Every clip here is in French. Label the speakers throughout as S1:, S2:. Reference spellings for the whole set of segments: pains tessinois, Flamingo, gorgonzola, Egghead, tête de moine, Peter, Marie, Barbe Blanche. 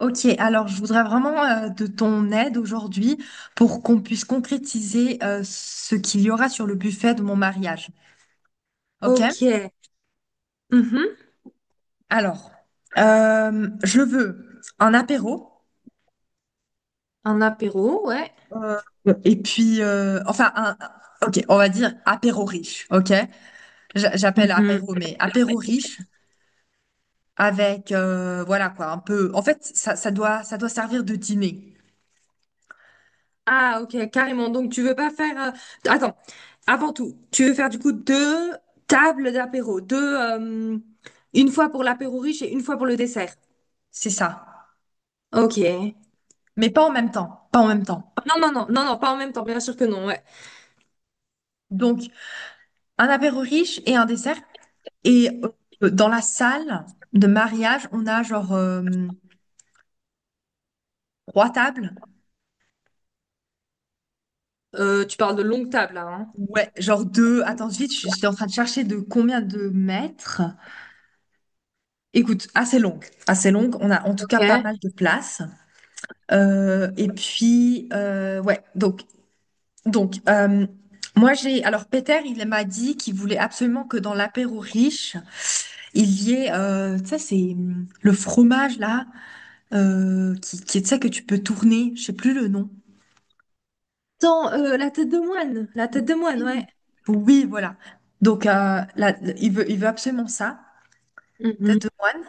S1: Ok, alors je voudrais vraiment de ton aide aujourd'hui pour qu'on puisse concrétiser ce qu'il y aura sur le buffet de mon mariage. Ok?
S2: Ok. Mhm.
S1: Alors, je veux un apéro
S2: Un apéro, ouais.
S1: euh, et puis, enfin, un, ok, on va dire apéro riche. Ok? J'appelle
S2: Mhm.
S1: apéro, mais apéro riche avec, voilà quoi, un peu. En fait, ça doit servir de dîner.
S2: Ah, ok, carrément. Donc, tu veux pas faire. Attends, avant tout, tu veux faire du coup deux tables d'apéro. Deux. Une fois pour l'apéro riche et une fois pour le dessert.
S1: C'est ça.
S2: Ok.
S1: Mais pas en même temps. Pas en même temps.
S2: Non, non, non, non, non, pas en même temps, bien sûr que non, ouais.
S1: Donc, un apéro riche et un dessert. Et dans la salle de mariage, on a genre trois tables.
S2: Tu parles de longue table, là, hein.
S1: Ouais, genre deux. Attends, vite, je suis en train de chercher de combien de mètres. Écoute, assez longue, assez longue. On a en tout cas pas
S2: Ok.
S1: mal de place. Et puis, ouais, donc moi j'ai. Alors, Peter, il m'a dit qu'il voulait absolument que dans l'apéro riche, il y ait, tu sais, c'est le fromage là, euh, qui, tu sais, que tu peux tourner. Je sais plus le nom.
S2: Attends, la tête de moine. La tête de moine, ouais.
S1: Oui, voilà. Donc, là, il veut absolument ça,
S2: Mhm.
S1: tête de moine.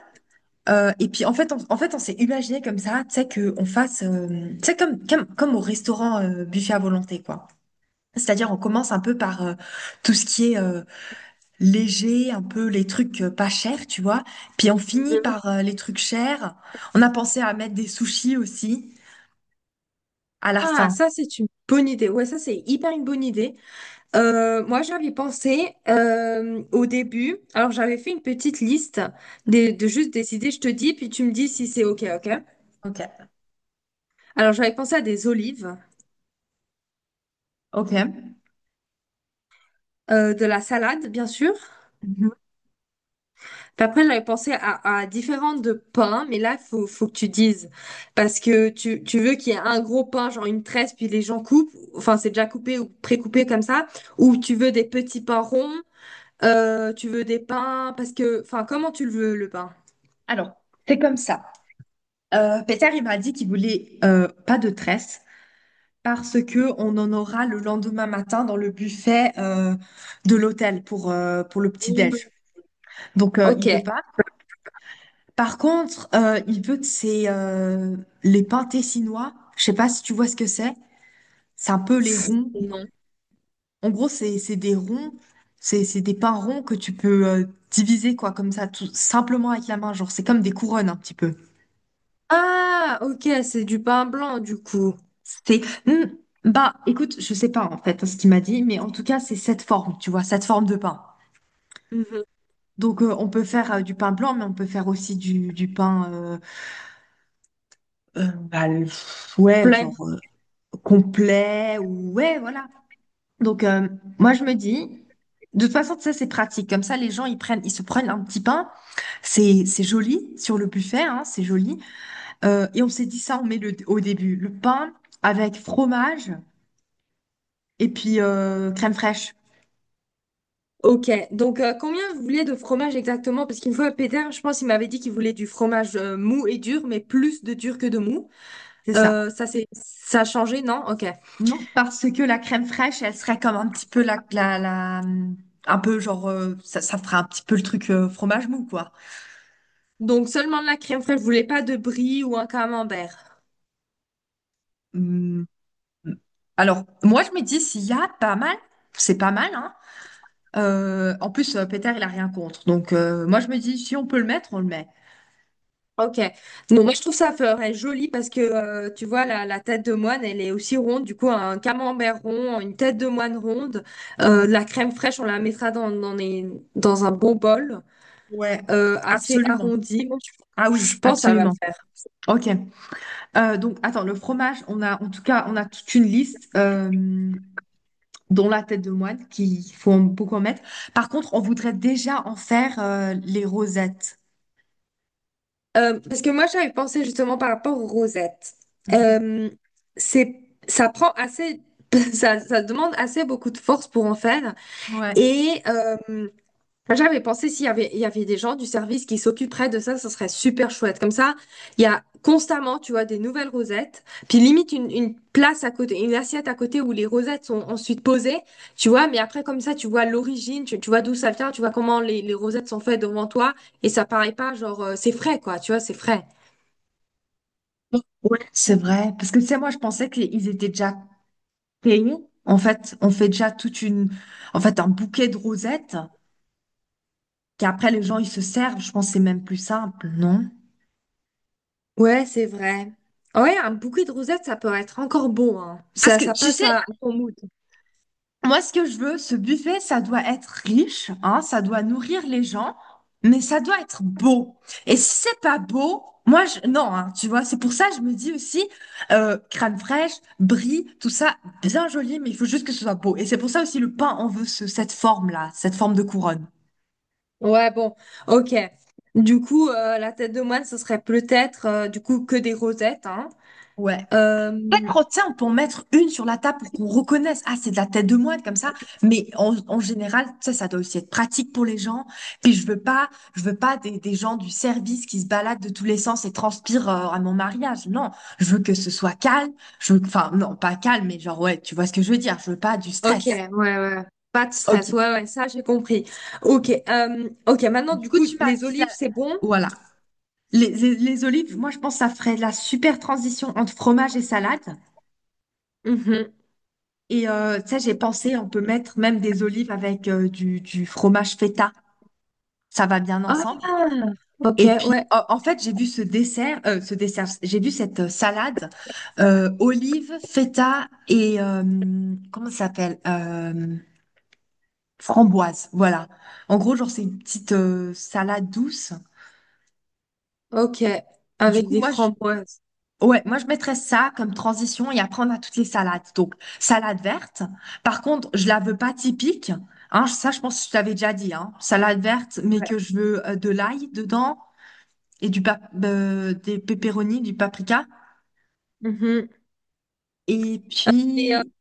S1: Et puis, en fait, on s'est imaginé comme ça, tu sais, qu'on fasse, tu sais, comme au restaurant buffet à volonté, quoi. C'est-à-dire, on commence un peu par tout ce qui est léger, un peu les trucs pas chers, tu vois. Puis, on finit par les trucs chers. On a pensé à mettre des sushis aussi à la
S2: Ah,
S1: fin.
S2: ça, c'est une bonne idée. Ouais, ça, c'est hyper une bonne idée. Moi, j'avais pensé au début, alors j'avais fait une petite liste de juste des idées, je te dis, puis tu me dis si c'est OK, OK.
S1: Ok,
S2: Alors j'avais pensé à des olives,
S1: ok.
S2: de la salade, bien sûr.
S1: Mhm.
S2: Puis après, j'avais pensé à différentes de pains, mais là, faut que tu dises, parce que tu veux qu'il y ait un gros pain, genre une tresse, puis les gens coupent, enfin c'est déjà coupé ou pré-coupé comme ça, ou tu veux des petits pains ronds, tu veux des pains, parce que, enfin, comment tu le veux, le pain?
S1: Alors, c'est comme ça. Peter, il m'a dit qu'il voulait pas de tresse, parce que on en aura le lendemain matin dans le buffet de l'hôtel pour le
S2: Mm.
S1: petit-déj. Donc,
S2: Ok.
S1: il veut pas. Par contre, il veut de ces, les pains tessinois. Je sais pas si tu vois ce que c'est. C'est un peu les ronds.
S2: Non.
S1: En gros, c'est des ronds. C'est des pains ronds que tu peux diviser, quoi, comme ça, tout simplement avec la main. Genre, c'est comme des couronnes, un petit peu.
S2: Ah, ok, c'est du pain blanc du coup.
S1: C'est... Hmm, bah, écoute, je sais pas, en fait, hein, ce qu'il m'a dit, mais en tout cas, c'est cette forme, tu vois, cette forme de pain.
S2: Mhm.
S1: Donc, on peut faire du pain blanc, mais on peut faire aussi du pain, ouais, genre
S2: Plein.
S1: complet, ou ouais, voilà. Donc, moi, je me dis, de toute façon, ça, c'est pratique. Comme ça, les gens, ils se prennent un petit pain. C'est joli sur le buffet, hein, c'est joli. Et on s'est dit ça, on met le, au début, le pain avec fromage et puis crème fraîche.
S2: Ok, donc combien vous voulez de fromage exactement? Parce qu'une fois, Peter, je pense qu'il m'avait dit qu'il voulait du fromage mou et dur, mais plus de dur que de mou.
S1: C'est ça.
S2: Ça, c'est, ça a changé, non? Ok.
S1: Non, parce que la crème fraîche, elle serait comme un petit peu un peu genre, ça ferait un petit peu le truc fromage mou, quoi.
S2: Donc seulement de la crème fraîche, vous voulez pas de brie ou un camembert?
S1: Hum, Alors, moi, je me dis, s'il y a pas mal, c'est pas mal, hein. En plus, Peter, il a rien contre. Donc, moi, je me dis, si on peut le mettre, on le met.
S2: Ok. Non, moi je trouve ça ferait joli parce que tu vois la, la tête de moine elle est aussi ronde du coup un camembert rond une tête de moine ronde de la crème fraîche on la mettra dans les- dans un bon bol
S1: Ouais,
S2: assez
S1: absolument.
S2: arrondi. Moi,
S1: Ah oui,
S2: je pense que ça va le
S1: absolument.
S2: faire.
S1: Ok. Donc, attends, le fromage, on a, en tout cas, on a toute une liste. Dans la tête de moine, beaucoup en mettre. Par contre, on voudrait déjà en faire les rosettes.
S2: Parce que moi j'avais pensé justement par rapport aux rosettes.
S1: Mhm.
S2: Euh, c'est ça prend assez ça demande assez beaucoup de force pour en faire
S1: Ouais,
S2: et enfin, j'avais pensé s'il y avait, il y avait des gens du service qui s'occuperaient de ça, ça serait super chouette. Comme ça, il y a constamment, tu vois, des nouvelles rosettes, puis limite une place à côté, une assiette à côté où les rosettes sont ensuite posées, tu vois, mais après, comme ça, tu vois l'origine, tu vois d'où ça vient, tu vois comment les rosettes sont faites devant toi, et ça paraît pas genre, c'est frais, quoi, tu vois, c'est frais.
S1: c'est vrai. Parce que tu sais, moi, je pensais qu'ils étaient déjà payés. En fait, on fait déjà toute une, en fait, un bouquet de rosettes qu'après les gens ils se servent. Je pense que c'est même plus simple, non?
S2: Ouais, c'est vrai. Ouais, un bouquet de rosettes, ça peut être encore beau, hein.
S1: Parce
S2: Ça,
S1: que
S2: ça
S1: tu
S2: passe
S1: sais,
S2: à ton mood.
S1: moi, ce que je veux, ce buffet, ça doit être riche, hein, ça doit nourrir les gens, mais ça doit être beau. Et si c'est pas beau, moi, je, non, hein, tu vois, c'est pour ça que je me dis aussi, crème fraîche, brie, tout ça, bien joli, mais il faut juste que ce soit beau. Et c'est pour ça aussi le pain, on veut cette forme-là, cette forme de couronne.
S2: Ouais, bon, ok. Du coup, la tête de moine, ce serait peut-être du coup que des rosettes, hein.
S1: Ouais. Chaque
S2: Euh,
S1: crottin, on peut en mettre une sur la table pour qu'on reconnaisse, ah, c'est de la tête de moine comme ça. Mais en général, ça doit aussi être pratique pour les gens. Puis je veux pas, Je veux pas des, des gens du service qui se baladent de tous les sens et transpirent à mon mariage. Non, je veux que ce soit calme. Je veux, enfin, non, pas calme, mais genre, ouais, tu vois ce que je veux dire. Je veux pas du
S2: ok,
S1: stress.
S2: ouais, ouais. Ouais. Pas de stress,
S1: Ok.
S2: ouais, ouais, ça j'ai compris. Ok, ok. Maintenant,
S1: Du
S2: du
S1: coup,
S2: coup,
S1: tu m'as
S2: les
S1: dit la-
S2: olives, c'est bon?
S1: voilà. Les olives, moi, je pense que ça ferait de la super transition entre fromage et salade.
S2: Mhm.
S1: Et tu j'ai pensé, on peut mettre même des olives avec euh, du fromage feta. Ça va bien
S2: Ah,
S1: ensemble.
S2: ok,
S1: Et puis,
S2: ouais,
S1: en fait, j'ai vu ce dessert, j'ai vu cette salade olive, feta et comment ça s'appelle? Framboise. Voilà. En gros, genre, c'est une petite salade douce.
S2: ok.
S1: Du
S2: Avec
S1: coup,
S2: des
S1: moi, je,
S2: framboises.
S1: Ouais, moi je mettrais ça comme transition et après on a toutes les salades. Donc, salade verte. Par contre, je la veux pas typique. Hein, ça, je pense que je t'avais déjà dit. Hein. Salade verte, mais que je veux de l'ail dedans et du pap des pépéronis, du paprika.
S2: Mhm.
S1: Et
S2: Et,
S1: puis,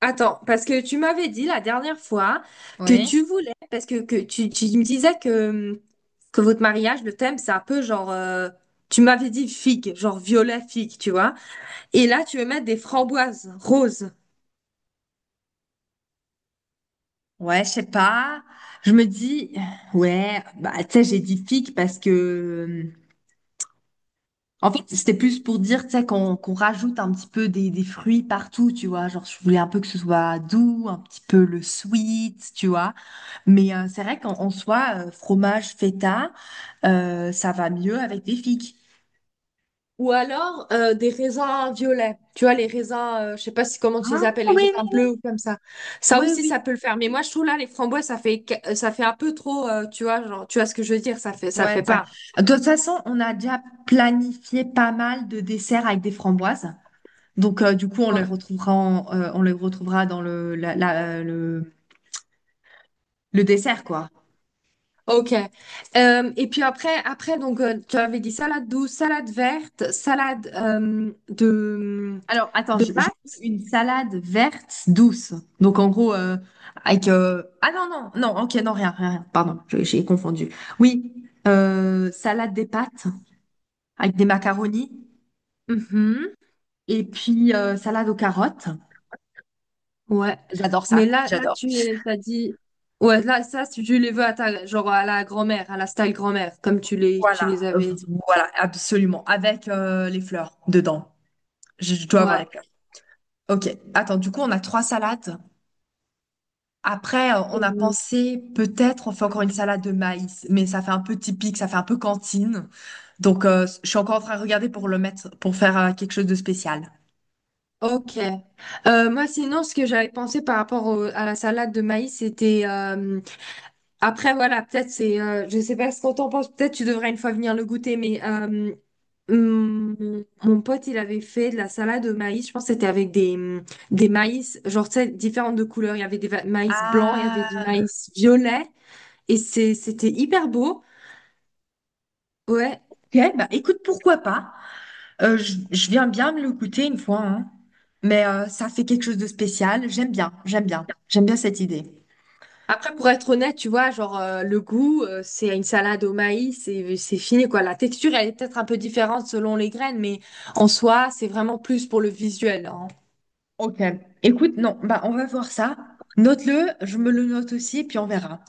S2: attends, parce que tu m'avais dit la dernière fois que
S1: oui,
S2: tu voulais, parce que tu me disais que votre mariage, le thème, c'est un peu genre, tu m'avais dit figue, genre violet figue, tu vois. Et là, tu veux mettre des framboises roses
S1: ouais, je sais pas. Je me dis, ouais, bah tu sais, j'ai dit figue parce que en fait, c'était plus pour dire, tu sais, qu'on rajoute un petit peu des fruits partout, tu vois. Genre, je voulais un peu que ce soit doux, un petit peu le sweet, tu vois. Mais c'est vrai qu'en soi, fromage, feta, ça va mieux avec des figues.
S2: ou alors des raisins violets. Tu vois, les raisins, je sais pas si comment tu les
S1: Ah,
S2: appelles, les
S1: oui,
S2: raisins bleus ou comme ça. Ça
S1: oui, oui,
S2: aussi,
S1: oui.
S2: ça peut le faire. Mais moi, je trouve là, les framboises, ça fait, ca- ça fait un peu trop, tu vois, genre, tu vois ce que je veux dire, ça fait, ça le
S1: Ouais,
S2: fait
S1: ça.
S2: pas.
S1: De toute façon, on a déjà planifié pas mal de desserts avec des framboises. Donc, du coup, on les retrouvera dans le, la- la- le dessert, quoi.
S2: Ok. Et puis après, après donc tu avais dit salade douce, salade verte, salade
S1: Alors, attends,
S2: de
S1: je veux
S2: pâtes.
S1: une salade verte douce. Donc, en gros, avec... Ah non, non, non, ok, non, rien, rien, rien. Pardon, j'ai confondu. Oui, salade des pâtes avec des macaronis
S2: Mhm.
S1: et puis salade aux carottes.
S2: Ouais.
S1: J'adore
S2: Mais
S1: ça,
S2: là, là
S1: j'adore.
S2: tu les- t'as dit ouais là ça si tu les veux à ta genre à la grand-mère, à la style grand-mère comme tu
S1: Voilà,
S2: les avais.
S1: voilà, absolument. Avec les fleurs dedans. Je dois avoir
S2: Ouais.
S1: les fleurs. Ok, attends, du coup, on a trois salades. Après, on a pensé peut-être on fait encore une salade de maïs, mais ça fait un peu typique, ça fait un peu cantine. Donc, je suis encore en train de regarder pour le mettre, pour faire quelque chose de spécial.
S2: Ok. Moi, sinon, ce que j'avais pensé par rapport au- à la salade de maïs, c'était... après, voilà, peut-être c'est... je sais pas ce qu'on t'en pense, peut-être tu devrais une fois venir le goûter, mais mon pote, il avait fait de la salade de maïs, je pense que c'était avec des maïs, genre, tu sais, différentes de couleurs. Il y avait des va- maïs blancs, il y avait du
S1: Ah,
S2: maïs violet, et c'est, c'était hyper beau. Ouais.
S1: ok, bah écoute, pourquoi pas? Je viens bien me le goûter une fois, hein. Mais ça fait quelque chose de spécial. J'aime bien cette idée.
S2: Après, pour être honnête, tu vois, genre, le goût, c'est une salade au maïs et c'est fini, quoi. La texture, elle est peut-être un peu différente selon les graines, mais en soi, c'est vraiment plus pour le visuel, hein.
S1: Ok. Écoute, non, bah on va voir ça. Note-le, je me le note aussi, puis on verra.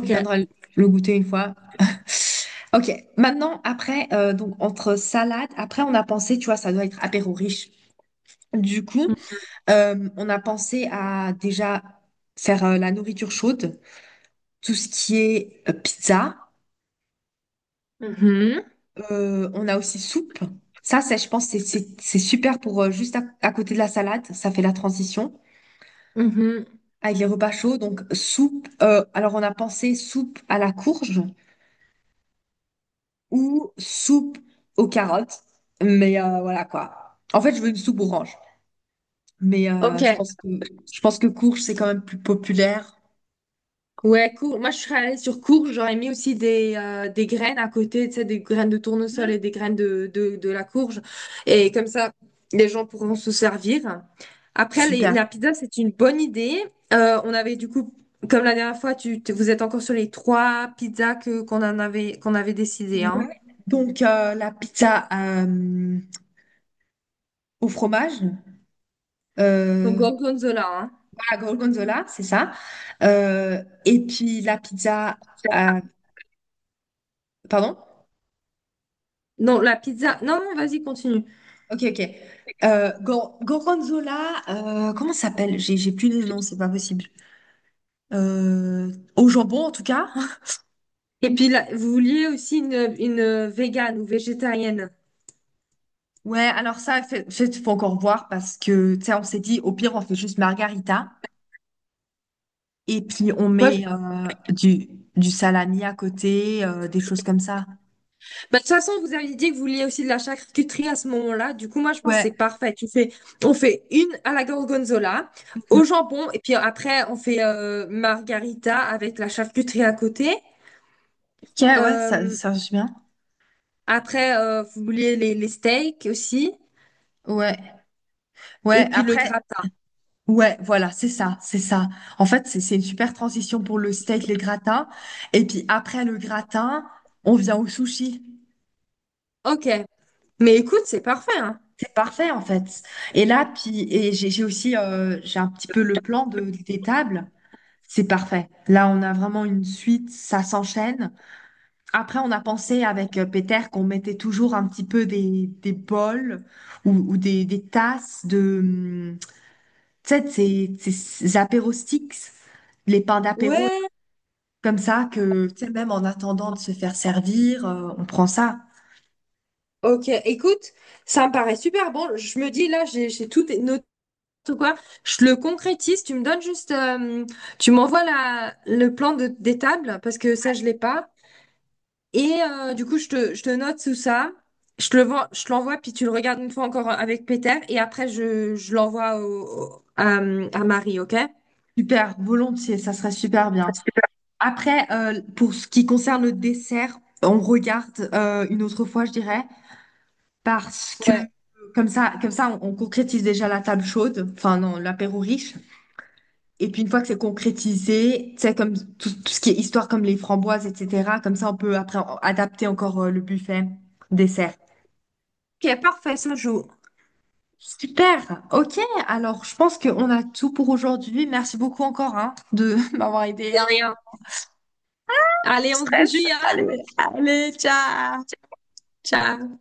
S1: Je viendrai le goûter une fois. Ok. Maintenant, après, donc entre salade, après on a pensé, tu vois, ça doit être apéro riche. Du coup, on a pensé à déjà faire la nourriture chaude, tout ce qui est pizza.
S2: Mhm.
S1: On a aussi soupe. Ça, je pense, c'est super pour à côté de la salade. Ça fait la transition
S2: Mhm.
S1: avec les repas chauds. Donc, soupe. Euh, alors, on a pensé soupe à la courge ou soupe aux carottes. Mais voilà quoi. En fait, je veux une soupe orange. Mais
S2: Ok.
S1: je pense que courge, c'est quand même plus populaire.
S2: Ouais, cours. Moi, je serais allée sur courge. J'aurais mis aussi des graines à côté, tu sais, des graines de tournesol
S1: Mhm.
S2: et des graines de la courge. Et comme ça, les gens pourront se servir. Après, les-
S1: Super.
S2: la pizza, c'est une bonne idée. On avait du coup, comme la dernière fois, tu- vous êtes encore sur les trois pizzas que qu'on en avait qu'on avait décidé, hein.
S1: Ouais. Donc, la pizza au fromage,
S2: Donc
S1: euh,
S2: gorgonzola, hein.
S1: à la gorgonzola, c'est ça. Et puis, à- Pardon?
S2: Non, la pizza. Non, non, vas-y, continue.
S1: Ok, ok. Gorgonzola, comment ça s'appelle? J'ai plus de nom, c'est pas possible. Au jambon, en tout cas.
S2: Et puis là, vous vouliez aussi une végane ou végétarienne.
S1: Ouais, alors ça, faut encore voir parce que, tu sais, on s'est dit, au pire, on fait juste margarita et puis on
S2: Moi,
S1: met du salami à côté, des choses comme ça.
S2: bah, de toute façon, vous aviez dit que vous vouliez aussi de la charcuterie à ce moment-là. Du coup, moi, je pense que
S1: Ouais.
S2: c'est parfait. Tu fais, on fait une à la gorgonzola, au jambon, et puis après, on fait margarita avec la charcuterie à côté.
S1: Ok, ouais, ça,
S2: Euh,
S1: ça marche bien.
S2: après, vous vouliez les steaks aussi,
S1: Ouais, ouais,
S2: et puis le
S1: après,
S2: gratin.
S1: ouais, voilà, c'est ça. En fait, c'est une super transition pour le steak, les gratins. Et puis après le gratin, on vient au sushi.
S2: Ok. Mais écoute, c'est parfait, hein.
S1: C'est parfait, en fait. Et là, puis, et j'ai aussi, j'ai un petit peu le plan de, des tables. C'est parfait. Là, on a vraiment une suite, ça s'enchaîne. Après, on a pensé avec Peter qu'on mettait toujours un petit peu des bols ou des tasses. Tu sais, ces apéros sticks, les pains d'apéro, là,
S2: Ouais.
S1: comme ça, que, tu sais, même en attendant de se faire servir, on prend ça.
S2: Ok. Écoute, ça me paraît super bon. Je me dis, là, j'ai tout noté. Ou quoi, je le concrétise, tu me donnes juste, tu m'envoies la, le plan de, des tables, parce que ça, je l'ai pas. Et du coup, je te note tout ça, je te le, vois- je te l'envoie, puis tu le regardes une fois encore avec Peter, et après, je l'envoie au, au- à Marie, ok?
S1: Super, volontiers, ça serait super bien.
S2: Super.
S1: Après, pour ce qui concerne le dessert, on regarde une autre fois, je dirais, parce que
S2: Ouais.
S1: comme ça, on concrétise déjà la table chaude, enfin non, l'apéro riche. Et puis une fois que c'est concrétisé, tu sais, tout ce qui est histoire comme les framboises, etc., comme ça, on peut après adapter encore le buffet dessert.
S2: Ok, parfait, ça joue.
S1: Super. Ok. Alors, je pense qu'on a tout pour aujourd'hui. Merci beaucoup encore, hein, de m'avoir
S2: De rien. Allez, on se
S1: stress.
S2: dit, hein.
S1: Allez, allez, ciao.
S2: Ciao.